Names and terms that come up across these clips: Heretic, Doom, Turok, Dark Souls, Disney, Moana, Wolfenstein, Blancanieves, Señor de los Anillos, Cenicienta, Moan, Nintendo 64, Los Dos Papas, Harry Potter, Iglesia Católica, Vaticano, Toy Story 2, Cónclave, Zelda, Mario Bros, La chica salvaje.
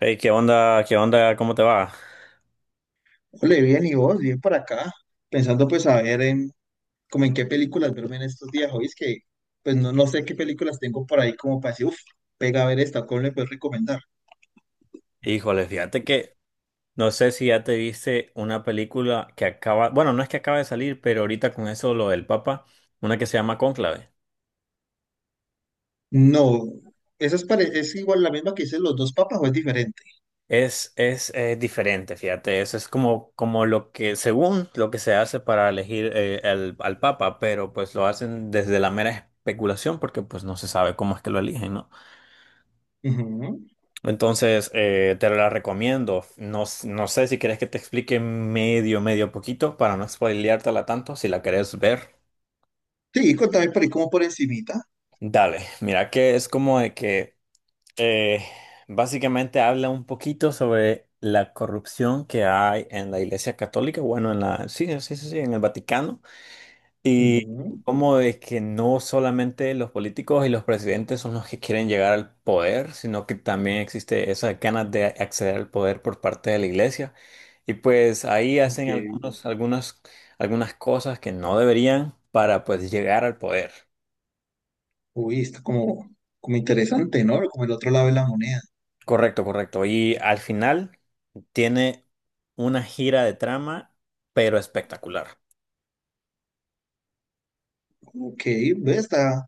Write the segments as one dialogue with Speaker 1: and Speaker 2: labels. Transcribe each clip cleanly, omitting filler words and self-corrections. Speaker 1: Hey, ¿qué onda? ¿Qué onda? ¿Cómo te va?
Speaker 2: Ole, bien, y vos, bien por acá, pensando pues a ver, en como en qué películas verme en estos días, hoy es que pues no sé qué películas tengo por ahí como para decir, uff, pega a ver esta, ¿cómo le puedes recomendar?
Speaker 1: Híjole, fíjate que no sé si ya te viste una película que acaba, bueno, no es que acaba de salir, pero ahorita con eso lo del Papa, una que se llama Cónclave.
Speaker 2: No, esa es, es igual la misma que hice Los Dos Papas, o es diferente.
Speaker 1: Es diferente, fíjate, eso es como, como lo que, según lo que se hace para elegir al al Papa, pero pues lo hacen desde la mera especulación porque pues no se sabe cómo es que lo eligen, ¿no?
Speaker 2: Ujú.
Speaker 1: Entonces, te la recomiendo. No, no sé si quieres que te explique medio poquito para no spoileártela tanto. Si la querés ver,
Speaker 2: Sí, contame por ahí como por encimita.
Speaker 1: dale. Mira que es como de que eh, básicamente habla un poquito sobre la corrupción que hay en la Iglesia Católica. Bueno, en la, sí, sí, sí, sí, en el Vaticano. Y
Speaker 2: Ujú,
Speaker 1: cómo es que no solamente los políticos y los presidentes son los que quieren llegar al poder, sino que también existe esa ganas de acceder al poder por parte de la iglesia. Y pues ahí hacen
Speaker 2: ok.
Speaker 1: algunas, algunas cosas que no deberían para pues llegar al poder.
Speaker 2: Uy, está como, como interesante, ¿no? Como el otro lado de la moneda.
Speaker 1: Correcto, correcto. Y al final tiene una gira de trama, pero espectacular.
Speaker 2: Ok, ve, está,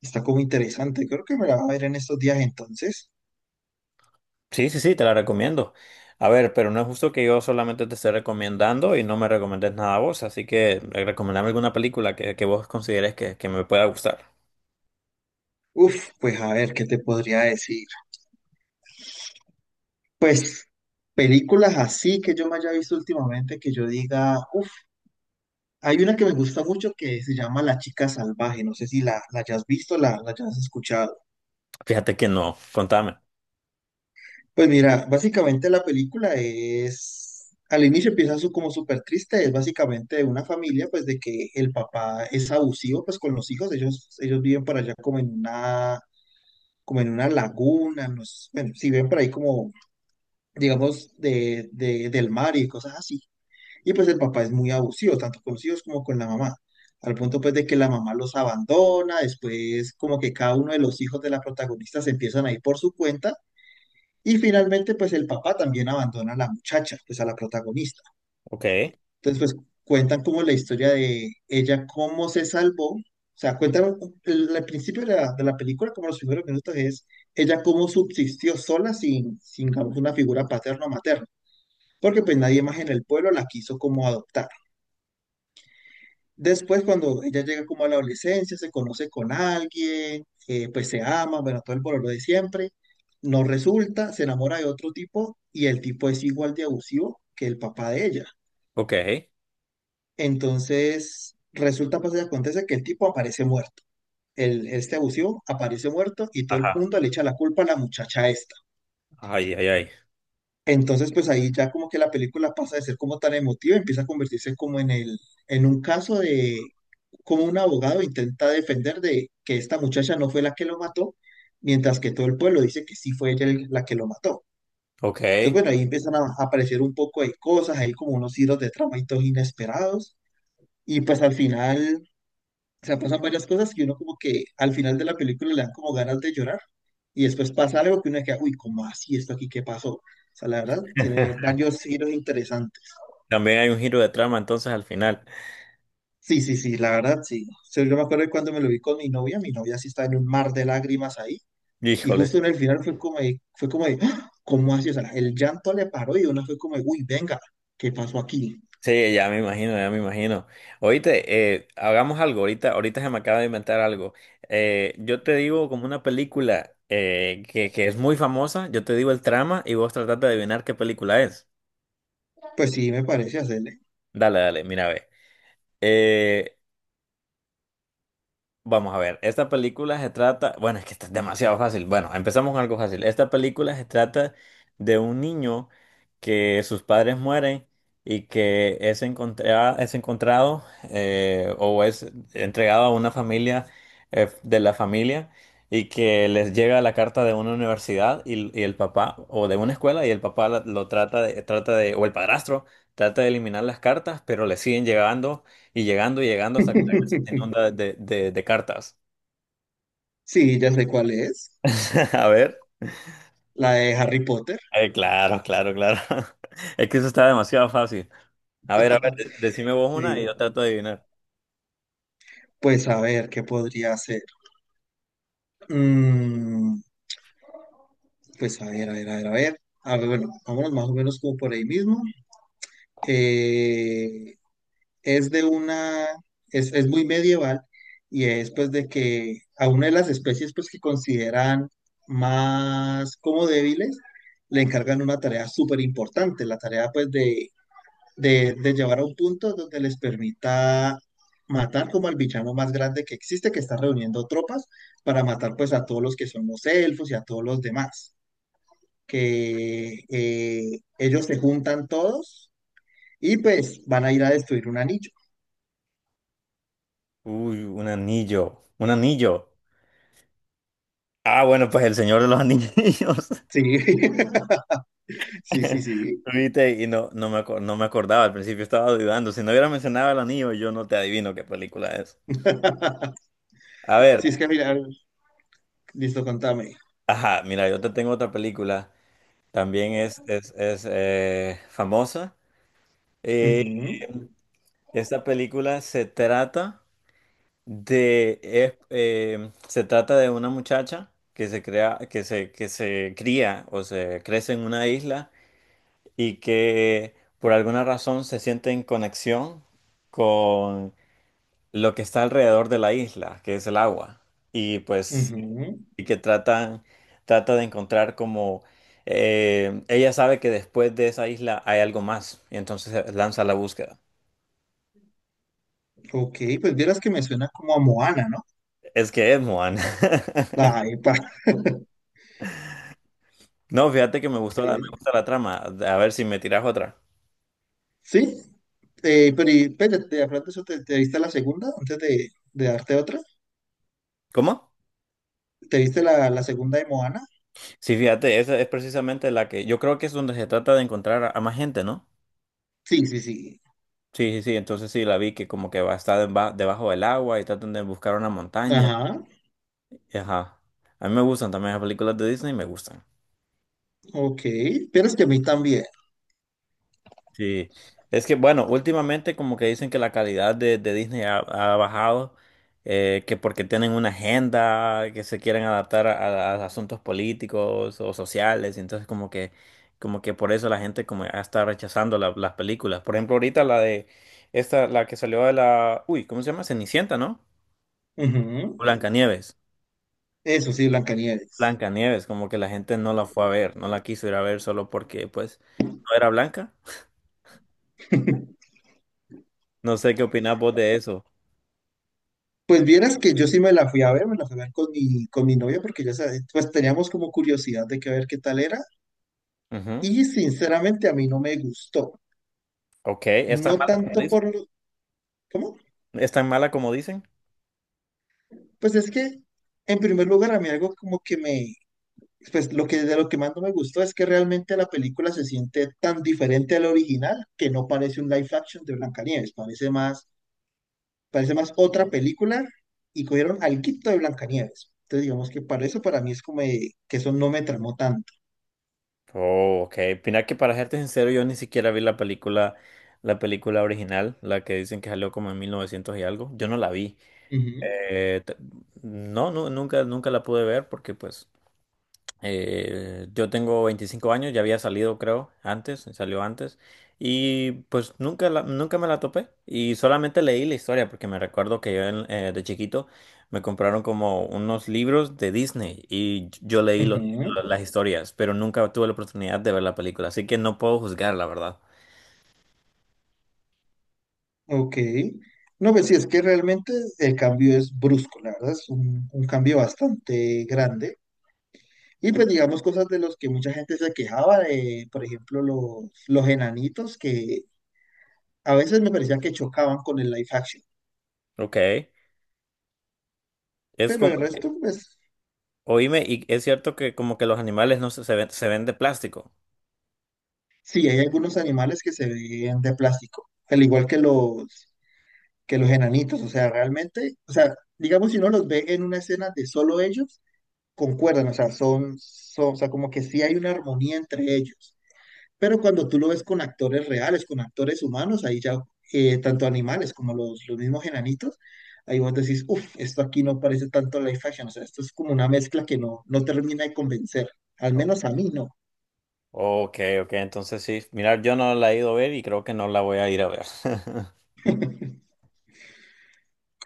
Speaker 2: está como interesante. Creo que me la va a ver en estos días entonces.
Speaker 1: Sí, sí, sí, te la recomiendo. A ver, pero no es justo que yo solamente te esté recomendando y no me recomiendes nada a vos, así que recomendame alguna película que vos consideres que me pueda gustar.
Speaker 2: Uf, pues a ver, ¿qué te podría decir? Pues películas así que yo me haya visto últimamente, que yo diga, uff, hay una que me gusta mucho que se llama La Chica Salvaje, no sé si la hayas visto, la hayas escuchado.
Speaker 1: Fíjate que no, contame.
Speaker 2: Pues mira, básicamente la película es, al inicio empieza su, como súper triste, es básicamente de una familia, pues de que el papá es abusivo, pues con los hijos, ellos viven por allá como en una laguna, no sé, bueno, si ven por ahí como, digamos, del mar y cosas así. Y pues el papá es muy abusivo, tanto con los hijos como con la mamá, al punto pues de que la mamá los abandona, después como que cada uno de los hijos de la protagonista se empiezan a ir por su cuenta, y finalmente pues el papá también abandona a la muchacha, pues a la protagonista.
Speaker 1: Ok,
Speaker 2: Entonces pues cuentan como la historia de ella, cómo se salvó, o sea, cuentan el principio de la película, como los primeros minutos es ella cómo subsistió sola sin digamos, una figura paterna o materna, porque pues nadie más en el pueblo la quiso como adoptar. Después, cuando ella llega como a la adolescencia, se conoce con alguien, pues se ama, bueno, todo el bololo de siempre, no resulta, se enamora de otro tipo y el tipo es igual de abusivo que el papá de ella.
Speaker 1: ok.
Speaker 2: Entonces, resulta, pues, y acontece que el tipo aparece muerto. El, este abusivo aparece muerto y todo el
Speaker 1: Ajá.
Speaker 2: mundo le echa la culpa a la muchacha esta.
Speaker 1: Ay, ay, ay.
Speaker 2: Entonces, pues ahí ya como que la película pasa de ser como tan emotiva, empieza a convertirse como en en un caso de como un abogado intenta defender de que esta muchacha no fue la que lo mató, mientras que todo el pueblo dice que sí fue ella la que lo mató. Entonces,
Speaker 1: Ok.
Speaker 2: bueno, ahí empiezan a aparecer un poco de cosas, hay como unos hilos de trama y todos inesperados, y pues al final, o sea, pasan varias cosas y uno como que al final de la película le dan como ganas de llorar, y después pasa algo que uno queda, uy, ¿cómo así esto aquí? ¿Qué pasó? O sea, la verdad, tiene varios giros interesantes.
Speaker 1: También hay un giro de trama entonces al final.
Speaker 2: Sí, sí, sí, la verdad, sí. O sea, yo me acuerdo de cuando me lo vi con mi novia sí estaba en un mar de lágrimas ahí, y
Speaker 1: Híjole.
Speaker 2: justo en el final fue como de, ¡ah! ¿Cómo así? O sea, el llanto le paró y uno fue como de, uy, venga, ¿qué pasó aquí?
Speaker 1: Sí, ya me imagino, ya me imagino. Oíste, hagamos algo, ahorita, ahorita se me acaba de inventar algo. Yo te digo como una película que es muy famosa, yo te digo el trama y vos tratás de adivinar qué película es.
Speaker 2: Pues sí, me parece hacerle.
Speaker 1: Dale, dale, mira, ve. Eh, Vamos a ver, esta película se trata, bueno, es que está demasiado fácil. Bueno, empezamos con algo fácil. Esta película se trata de un niño que sus padres mueren y que es encontrado o es entregado a una familia de la familia y que les llega la carta de una universidad y el papá, o de una escuela y el papá lo trata de, o el padrastro trata de eliminar las cartas, pero le siguen llegando y llegando y llegando hasta que la casa se onda de cartas.
Speaker 2: Sí, ya sé cuál es,
Speaker 1: A ver.
Speaker 2: la de Harry Potter.
Speaker 1: Claro, claro, claro. Es que eso está demasiado fácil. A ver, decime vos una y
Speaker 2: Sí.
Speaker 1: yo trato de adivinar.
Speaker 2: Pues a ver, ¿qué podría hacer? Mm, pues a ver, a ver, a ver, a ver. A ver, bueno, vámonos más o menos como por ahí mismo. Eh, es de una, es muy medieval y es pues de que a una de las especies pues que consideran más como débiles le encargan una tarea súper importante, la tarea pues de de llevar a un punto donde les permita matar como al villano más grande que existe, que está reuniendo tropas para matar pues a todos los que son los elfos y a todos los demás. Que ellos se juntan todos y pues van a ir a destruir un anillo.
Speaker 1: Uy, un anillo. Un anillo. Ah, bueno, pues el Señor de los Anillos.
Speaker 2: Sí, sí, sí, sí.
Speaker 1: Viste, y no, no me acordaba, al principio estaba dudando. Si no hubiera mencionado el anillo, yo no te adivino qué película es. A ver,
Speaker 2: Sí, es que mira, listo, contame.
Speaker 1: ajá, mira, yo te tengo otra película. También es famosa.
Speaker 2: Ujú,
Speaker 1: Esta película se trata se trata de una muchacha que se crea, que se cría o se crece en una isla y que por alguna razón se siente en conexión con lo que está alrededor de la isla, que es el agua. Y pues,
Speaker 2: ujú.
Speaker 1: y trata de encontrar como ella sabe que después de esa isla hay algo más, y entonces lanza la búsqueda.
Speaker 2: Ok, pues vieras que me suena como a Moana, ¿no?
Speaker 1: Es que es, Moan.
Speaker 2: Ay,
Speaker 1: No, fíjate que me
Speaker 2: eh,
Speaker 1: gusta la trama. A ver si me tiras otra.
Speaker 2: sí. Pero y, espérate, hablando de eso, ¿te, te viste la segunda antes de darte otra?
Speaker 1: ¿Cómo?
Speaker 2: ¿Te viste la segunda de Moana?
Speaker 1: Sí, fíjate, esa es precisamente la que yo creo que es donde se trata de encontrar a más gente, ¿no?
Speaker 2: Sí, sí, sí.
Speaker 1: Sí, sí, sí, entonces sí, la vi que como que va a estar debajo del agua y tratan de buscar una montaña.
Speaker 2: Ajá,
Speaker 1: Ajá. A mí me gustan también las películas de Disney, me gustan.
Speaker 2: ok. Pero es que a mí también.
Speaker 1: Sí, es que bueno, últimamente como que dicen que la calidad de Disney ha, ha bajado, que porque tienen una agenda, que se quieren adaptar a asuntos políticos o sociales, y entonces como que por eso la gente como ya está rechazando las películas. Por ejemplo, ahorita la de esta, la que salió de la, uy, ¿cómo se llama? Cenicienta, ¿no?
Speaker 2: Ujú.
Speaker 1: Blancanieves.
Speaker 2: Eso sí, Blancanieves.
Speaker 1: Blancanieves, como que la gente no la fue a ver, no la quiso ir a ver solo porque pues no era blanca. No sé qué opinás vos de eso.
Speaker 2: Pues vieras que yo sí me la fui a ver, me la fui a ver con mi novia porque ya sabes, pues teníamos como curiosidad de que ver qué tal era. Y sinceramente a mí no me gustó.
Speaker 1: Ok, ¿es tan
Speaker 2: No. Ok.
Speaker 1: mala como
Speaker 2: Tanto
Speaker 1: dicen?
Speaker 2: por lo... ¿Cómo?
Speaker 1: ¿Es tan mala como dicen?
Speaker 2: Pues es que, en primer lugar, a mí algo como que me... Pues lo que de lo que más no me gustó es que realmente la película se siente tan diferente al original que no parece un live action de Blancanieves, parece más otra película, y cogieron al quito de Blancanieves. Entonces digamos que para eso para mí es como de- que eso no me tramó tanto.
Speaker 1: Oh, ok. Mira que para serte sincero, yo ni siquiera vi la película original, la que dicen que salió como en 1900 y algo. Yo no la vi.
Speaker 2: Ujú,
Speaker 1: Eh, t- no, no, nunca, nunca la pude ver porque pues yo tengo 25 años, ya había salido creo antes, salió antes y pues nunca, nunca me la topé y solamente leí la historia porque me recuerdo que yo de chiquito me compraron como unos libros de Disney y yo leí
Speaker 2: ujú.
Speaker 1: las historias, pero nunca tuve la oportunidad de ver la película, así que no puedo juzgar la verdad.
Speaker 2: Ok. No, pues sí, es que realmente el cambio es brusco, la verdad, es un cambio bastante grande. Y pues digamos cosas de los que mucha gente se quejaba, de, por ejemplo, los enanitos que a veces me parecía que chocaban con el live action,
Speaker 1: Ok, es
Speaker 2: pero
Speaker 1: como,
Speaker 2: el resto, pues
Speaker 1: oíme, y es cierto que como que los animales no se, se ven de plástico.
Speaker 2: sí, hay algunos animales que se ven de plástico, al igual que los enanitos, o sea, realmente, o sea, digamos si uno los ve en una escena de solo ellos, concuerdan, o sea, son, o sea, como que sí hay una armonía entre ellos. Pero cuando tú lo ves con actores reales, con actores humanos, ahí ya, tanto animales como los mismos enanitos, ahí vos decís, uff, esto aquí no parece tanto live action, o sea, esto es como una mezcla que no termina de convencer, al menos a mí no.
Speaker 1: Ok, ok, entonces sí. Mira, yo no la he ido a ver y creo que no la voy a ir a ver.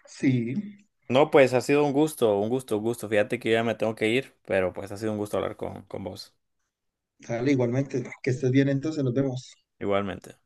Speaker 2: Sí,
Speaker 1: No, pues ha sido un gusto, un gusto, un gusto. Fíjate que yo ya me tengo que ir, pero pues ha sido un gusto hablar con vos.
Speaker 2: sale igualmente, que estés bien, entonces nos vemos.
Speaker 1: Igualmente.